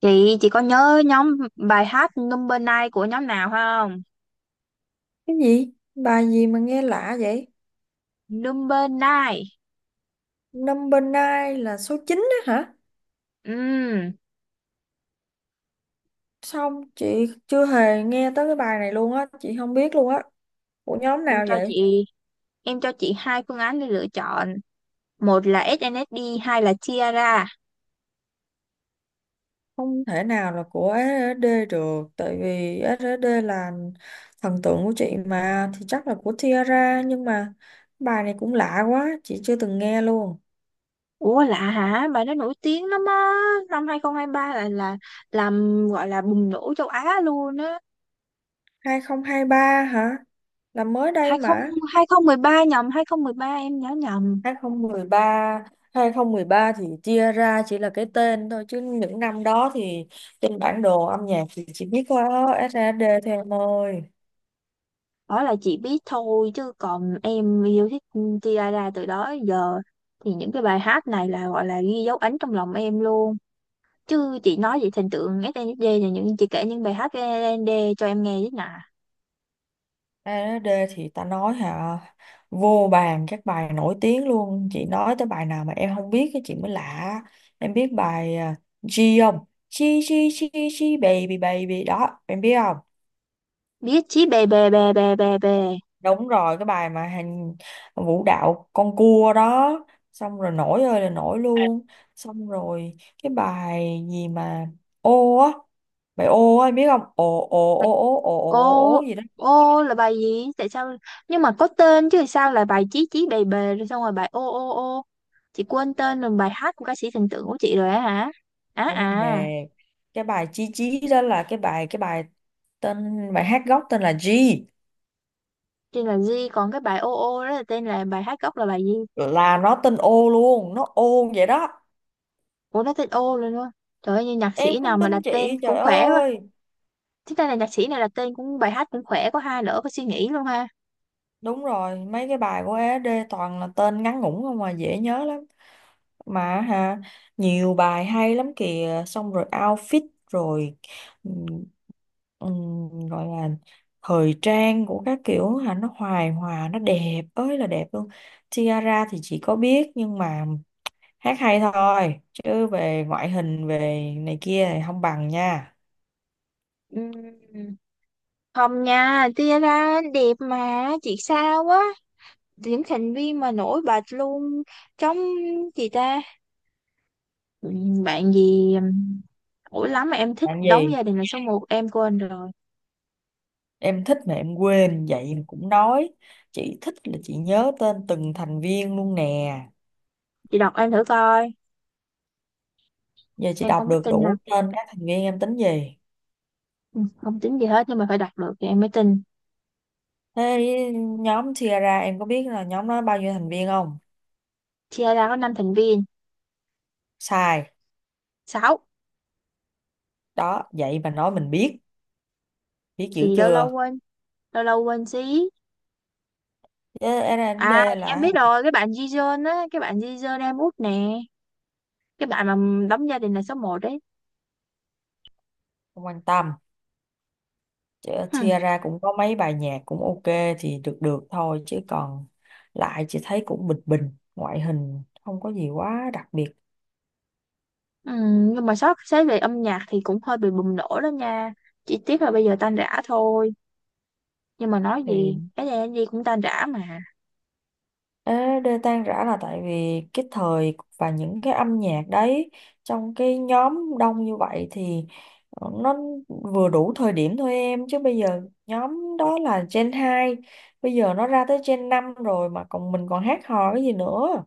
Chị có nhớ nhóm bài hát Number Nine của nhóm nào không? Cái gì? Bài gì mà nghe lạ vậy? Number Nine. Number nine là số 9 á hả? Ừm, Xong chị chưa hề nghe tới cái bài này luôn á, chị không biết luôn á. Của nhóm em nào cho vậy? chị em cho chị hai phương án để lựa chọn. Một là SNSD, hai là Tiara. Không thể nào là của SNSD được, tại vì SNSD là thần tượng của chị mà, thì chắc là của Tiara, nhưng mà bài này cũng lạ quá, chị chưa từng nghe luôn. Ủa lạ hả? Bài đó nổi tiếng lắm á. Năm 2023 là làm gọi là bùng nổ châu Á luôn á. 2023 hả? Là mới đây mà. 20 ba nhầm, hai không một ba, em nhớ nhầm. 2013 thì chia ra chỉ là cái tên thôi, chứ những năm đó thì trên bản đồ âm nhạc thì chỉ biết có ét A SAD thôi em ơi. Đó là chị biết thôi, chứ còn em yêu thích Tiara từ đó đến giờ thì những cái bài hát này là gọi là ghi dấu ấn trong lòng em luôn, chứ chị nói về thần tượng SNSD là những chị kể những bài hát của SNSD cho em nghe chứ nè. SAD thì ta nói hả, vô bàn các bài nổi tiếng luôn, chị nói tới bài nào mà em không biết cái chị mới lạ. Em biết bài à, G không? G, G, G, G baby baby đó em biết không? Biết chí bè bè bè bè bè bè. Đúng rồi, cái bài mà hành vũ đạo con cua đó, xong rồi nổi ơi là nổi luôn. Xong rồi cái bài gì mà ô á, bài ô á em biết không, ồ ồ ồ ồ ồ ồ Ô ồ gì đó. ô là bài gì, tại sao, nhưng mà có tên chứ, sao là bài chí chí bè bè rồi xong rồi bài ô ô ô chị quên tên rồi, bài hát của ca sĩ thần tượng của chị rồi á hả, á Không hề, à. cái bài chí chí đó là cái bài tên, bài hát gốc tên là G. Tên là G, còn cái bài ô ô đó là tên là bài hát gốc là bài gì? Là nó tên ô luôn, nó ô vậy đó. Ủa nó tên ô luôn á? Trời ơi, như nhạc Em sĩ nào không mà đặt tin chị, tên trời cũng khỏe quá. ơi. Thế đây là nhạc sĩ này đặt tên cũng bài hát cũng khỏe, có hai nữa, có suy nghĩ luôn ha. Đúng rồi, mấy cái bài của ED toàn là tên ngắn ngủn không mà dễ nhớ lắm. Mà hả, nhiều bài hay lắm kìa, xong rồi outfit rồi, ừm, gọi là thời trang của các kiểu hả, nó hoài hòa nó đẹp ơi là đẹp luôn. Tiara thì chị có biết nhưng mà hát hay thôi, chứ về ngoại hình về này kia thì không bằng nha. Ừm, Không nha, tia đẹp mà chị sao quá, những thành viên mà nổi bật luôn trong chị ta. Bạn gì nổi lắm mà em thích Làm đóng gì? gia đình là số một, em quên rồi. Em thích mà em quên vậy mà cũng nói. Chị thích là chị nhớ tên từng thành viên luôn nè. Chị đọc em thử coi. Giờ chị Em đọc không có được tin đâu. đủ tên các thành viên em tính gì? Không tính gì hết, nhưng mà phải đọc được thì em mới tin. Thế nhóm chia ra em có biết là nhóm nó bao nhiêu thành viên không? Chia có 5 thành viên. Sai. Sáu. Đó, vậy mà nói mình biết. Biết dữ Thì lâu lâu chưa? quên, lâu lâu quên xí. Chứ À R&D em là Hằng biết rồi, cái bạn Jijun á, cái bạn Jijun em út nè, cái bạn mà đóng gia đình là số một đấy. không quan tâm. Chứ chia Hmm. ra cũng có mấy bài nhạc cũng ok thì được được thôi. Chứ còn lại chị thấy cũng bình bình. Ngoại hình không có gì quá đặc biệt. Nhưng mà sót xét về âm nhạc thì cũng hơi bị bùng nổ đó nha, chỉ tiếc là bây giờ tan rã thôi, nhưng mà nói thì gì cái này gì cũng tan rã mà. Ê, đê tan rã là tại vì cái thời và những cái âm nhạc đấy, trong cái nhóm đông như vậy thì nó vừa đủ thời điểm thôi em, chứ bây giờ nhóm đó là Gen hai, bây giờ nó ra tới Gen 5 rồi mà còn mình còn hát hò cái gì nữa.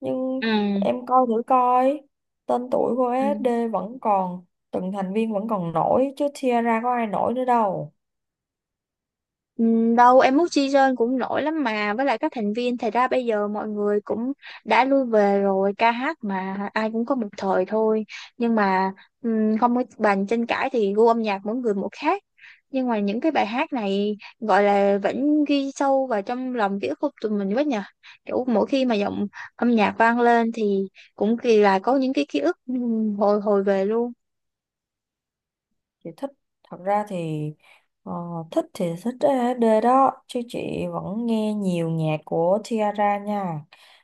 Nhưng Ừ. em coi thử coi tên tuổi của Ừ. SD vẫn còn, từng thành viên vẫn còn nổi, chứ Tiara có ai nổi nữa đâu. Ừ, đâu em mút season cũng nổi lắm, mà với lại các thành viên thì ra bây giờ mọi người cũng đã lui về rồi, ca hát mà ai cũng có một thời thôi. Nhưng mà không có bàn tranh cãi thì gu âm nhạc mỗi người một khác, nhưng mà những cái bài hát này gọi là vẫn ghi sâu vào trong lòng ký ức của tụi mình quá nhờ, kiểu mỗi khi mà giọng âm nhạc vang lên thì cũng kỳ là có những cái ký ức, hồi hồi về luôn. Chị thích, thật ra thì ờ, thích thì thích SD đó, chứ chị vẫn nghe nhiều nhạc của Tiara nha.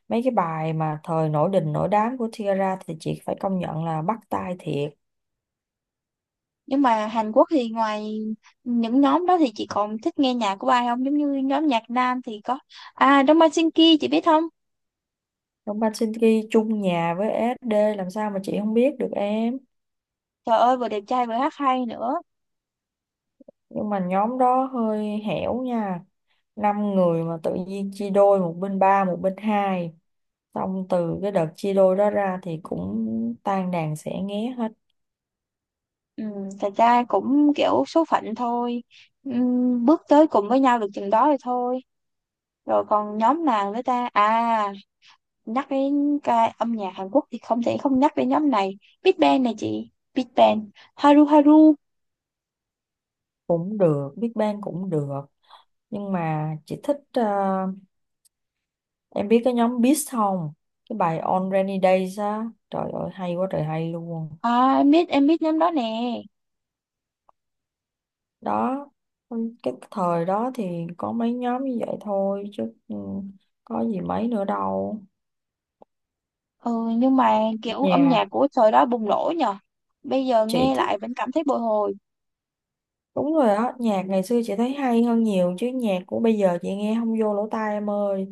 Mấy cái bài mà thời nổi đình nổi đám của Tiara thì chị phải công nhận là bắt tai thiệt. Nhưng mà Hàn Quốc thì ngoài những nhóm đó thì chị còn thích nghe nhạc của ai không? Giống như nhóm nhạc nam thì có, Đông Ban Shin Ki chị biết không? Đông Ban Shinki chung nhà với SD làm sao mà chị không biết được em. Trời ơi, vừa đẹp trai vừa hát hay nữa. Nhưng mà nhóm đó hơi hẻo nha, năm người mà tự nhiên chia đôi, một bên ba một bên hai, xong từ cái đợt chia đôi đó ra thì cũng tan đàn xẻ nghé hết. Ừ, thật ra cũng kiểu số phận thôi. Ừ, bước tới cùng với nhau được chừng đó thì thôi. Rồi còn nhóm nào nữa ta? À, nhắc đến cái âm nhạc Hàn Quốc thì không thể không nhắc đến nhóm này. Big Bang này chị. Big Bang. Haru Haru. Cũng được, Big Bang cũng được, nhưng mà chị thích, em biết cái nhóm Beast không? Cái bài On Rainy Days á, trời ơi hay quá trời hay luôn. À em biết nhóm đó nè. Đó cái thời đó thì có mấy nhóm như vậy thôi, chứ ừ, có gì mấy nữa đâu. Ừ, nhưng mà kiểu âm Nhà nhạc của thời đó bùng nổ nhờ. Bây giờ chị nghe thích. lại vẫn cảm thấy bồi hồi. Đúng rồi đó, nhạc ngày xưa chị thấy hay hơn nhiều, chứ nhạc của bây giờ chị nghe không vô lỗ tai em ơi.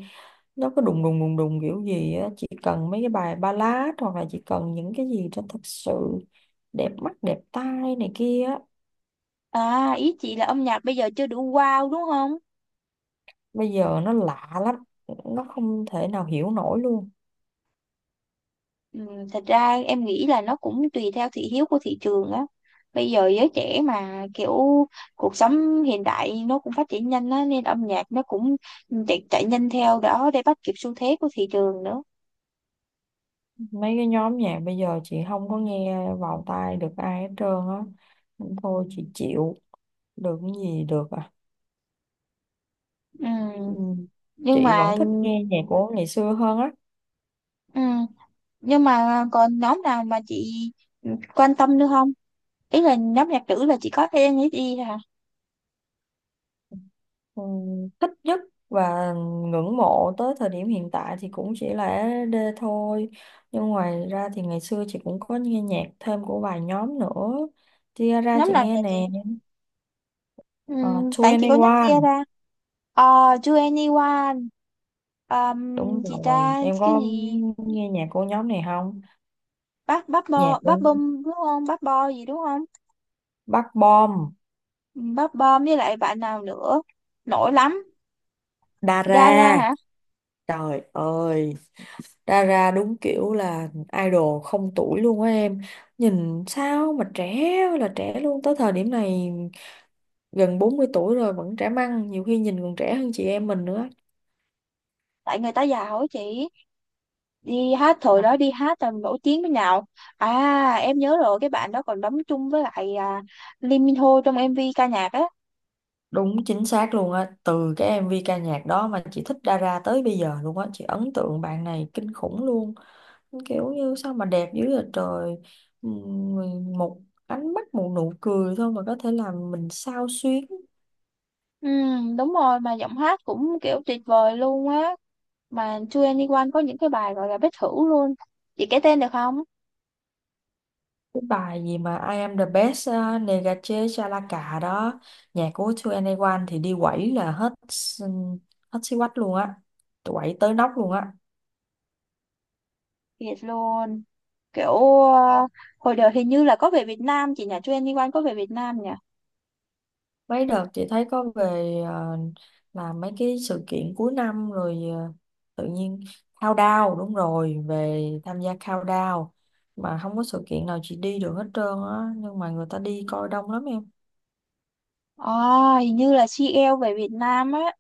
Nó cứ đùng đùng đùng đùng kiểu gì á, chị cần mấy cái bài ballad, hoặc là chị cần những cái gì cho thật sự đẹp mắt, đẹp tai này kia á. À, ý chị là âm nhạc bây giờ chưa đủ wow đúng không? Bây giờ nó lạ lắm, nó không thể nào hiểu nổi luôn. Ừ, thật ra em nghĩ là nó cũng tùy theo thị hiếu của thị trường á. Bây giờ giới trẻ mà kiểu cuộc sống hiện đại nó cũng phát triển nhanh á, nên âm nhạc nó cũng chạy nhanh theo đó để bắt kịp xu thế của thị trường nữa. Mấy cái nhóm nhạc bây giờ chị không có nghe vào tai được ai hết trơn á. Thôi chị chịu, được cái gì được à. Ừ, Ừ. nhưng Chị vẫn mà thích nghe nhạc của ngày xưa hơn á. ừ, nhưng mà còn nhóm nào mà chị quan tâm nữa không? Ý là nhóm nhạc nữ là chị có thể nghĩ đi hả. Ừ, thích nhất và ngưỡng mộ tới thời điểm hiện tại thì cũng chỉ là SD thôi, nhưng ngoài ra thì ngày xưa chị cũng có nghe nhạc thêm của vài nhóm nữa. Tiara Nhóm chị nào nghe vậy chị? nè. Tại chị có nhắc 2NE1, kia ra. ờ To anyone, đúng gì rồi, ta em cái có gì. nghe nhạc của nhóm này không? Bắp bắp Nhạc bo của bắp bom đúng không, bắp bo gì đúng không? Bắc Bom. Ừ, bắp bom với lại bạn nào nữa nổi lắm. Dara, Dara hả? trời ơi, Dara đúng kiểu là idol không tuổi luôn á em, nhìn sao mà trẻ ơi là trẻ luôn, tới thời điểm này gần 40 tuổi rồi vẫn trẻ măng, nhiều khi nhìn còn trẻ hơn chị em mình nữa. Tại người ta giàu á chị, đi hát thời Mà đó đi hát là nổi tiếng thế nào. À em nhớ rồi, cái bạn đó còn đóng chung với lại Lee Min Ho trong MV ca nhạc á. đúng chính xác luôn á, từ cái MV ca nhạc đó mà chị thích Dara tới bây giờ luôn á, chị ấn tượng bạn này kinh khủng luôn, kiểu như sao mà đẹp dữ vậy trời. Một ánh mắt một nụ cười thôi mà có thể làm mình xao xuyến. Ừ, đúng rồi, mà giọng hát cũng kiểu tuyệt vời luôn á. Mà Chu Anyone có những cái bài gọi là bất thử luôn, chị kể tên được không? Cái bài gì mà I am the best, Negache Chalaka đó, nhạc của 2NE1 thì đi quẩy là hết xí quách luôn á, quẩy tới nóc luôn á. Thiệt luôn, kiểu ờ, hồi đợt hình như là có về Việt Nam chị nhỉ, Chu Anyone có về Việt Nam nhỉ. Mấy đợt chị thấy có về, làm mấy cái sự kiện cuối năm rồi, tự nhiên countdown, đúng rồi, về tham gia countdown mà không có sự kiện nào chị đi được hết trơn á, nhưng mà người ta đi coi đông lắm em. à, Hình như là CL về Việt Nam á.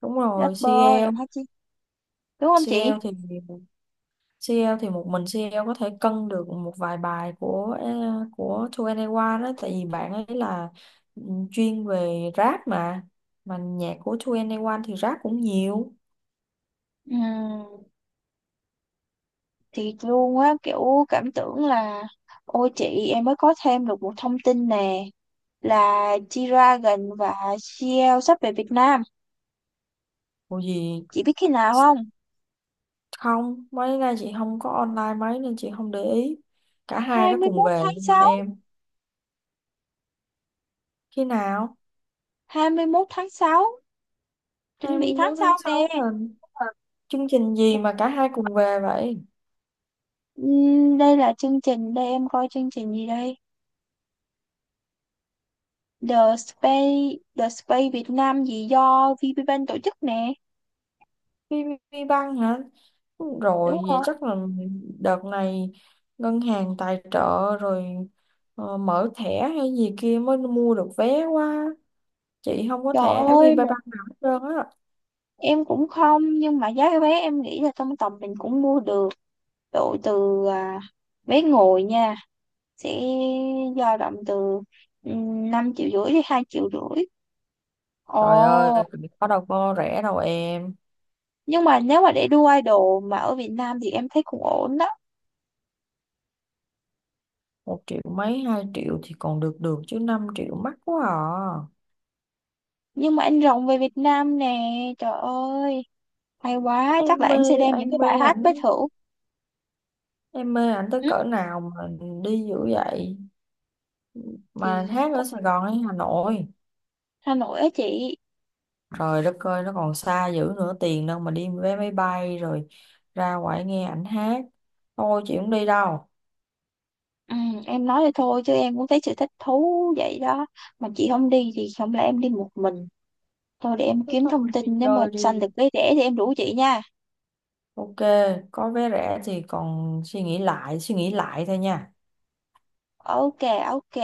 Đúng rồi, Rapper CL. giọng hát chi, đúng không chị? CL thì CL thì một mình CL có thể cân được một vài bài của của 2NE1 đó, tại vì bạn ấy là ừ, chuyên về rap mà nhạc của 2NE1 thì rap cũng nhiều. Ừ, thiệt luôn á, kiểu cảm tưởng là ôi chị, em mới có thêm được một thông tin nè, là G-Dragon và CL sắp về Việt Nam. Ủa gì? Chị biết khi nào không? Không, mấy nay chị không có online mấy nên chị không để ý. Cả hai đó cùng 21 về tháng nhưng mà 6, em khi nào? 21 tháng 6, chuẩn bị 21 tháng tháng sau nè. 6 là Ờ. chương trình gì mà cả hai cùng về vậy? Đây là chương trình, đây em coi chương trình gì đây? The Space, The Space Việt Nam gì do VPBank tổ chức nè. VPBank băng hả? Đúng Rồi vậy rồi. chắc là đợt này ngân hàng tài trợ rồi, ờ, mở thẻ hay gì kia mới mua được vé quá, chị không có Trời thẻ ơi, VPBank một nào hết trơn á. em cũng không, nhưng mà giá vé em nghĩ là trong tầm mình cũng mua được. Độ từ vé ngồi nha, sẽ dao động từ 5,5 triệu đến 2,5 triệu. Trời ơi, Ồ. có đâu có rẻ đâu em, Nhưng mà nếu mà để đua idol mà ở Việt Nam thì em thấy cũng ổn đó. một triệu mấy hai triệu thì còn được được chứ 5 triệu mắc quá à. Nhưng mà anh rồng về Việt Nam nè, trời ơi, hay quá, em chắc là mê em sẽ đem em những cái mê bài hát ảnh bất hữu. em mê ảnh tới ừ, cỡ nào mà đi dữ vậy, mà thì hát ở cũng Sài Gòn hay Hà Nội? Hà Nội á chị. Trời đất ơi, nó còn xa dữ nữa, tiền đâu mà đi vé máy bay rồi ra ngoài nghe ảnh hát. Thôi chị không đi đâu. Ừ, em nói vậy thôi chứ em cũng thấy sự thích thú vậy đó. Mà chị không đi thì không lẽ em đi một mình. Thôi để em Thôi kiếm thôi thông mình tin đi nếu mà chơi sanh được đi, vé rẻ thì em rủ chị nha. ok, có vé rẻ thì còn suy nghĩ lại thôi nha. Ok, ok.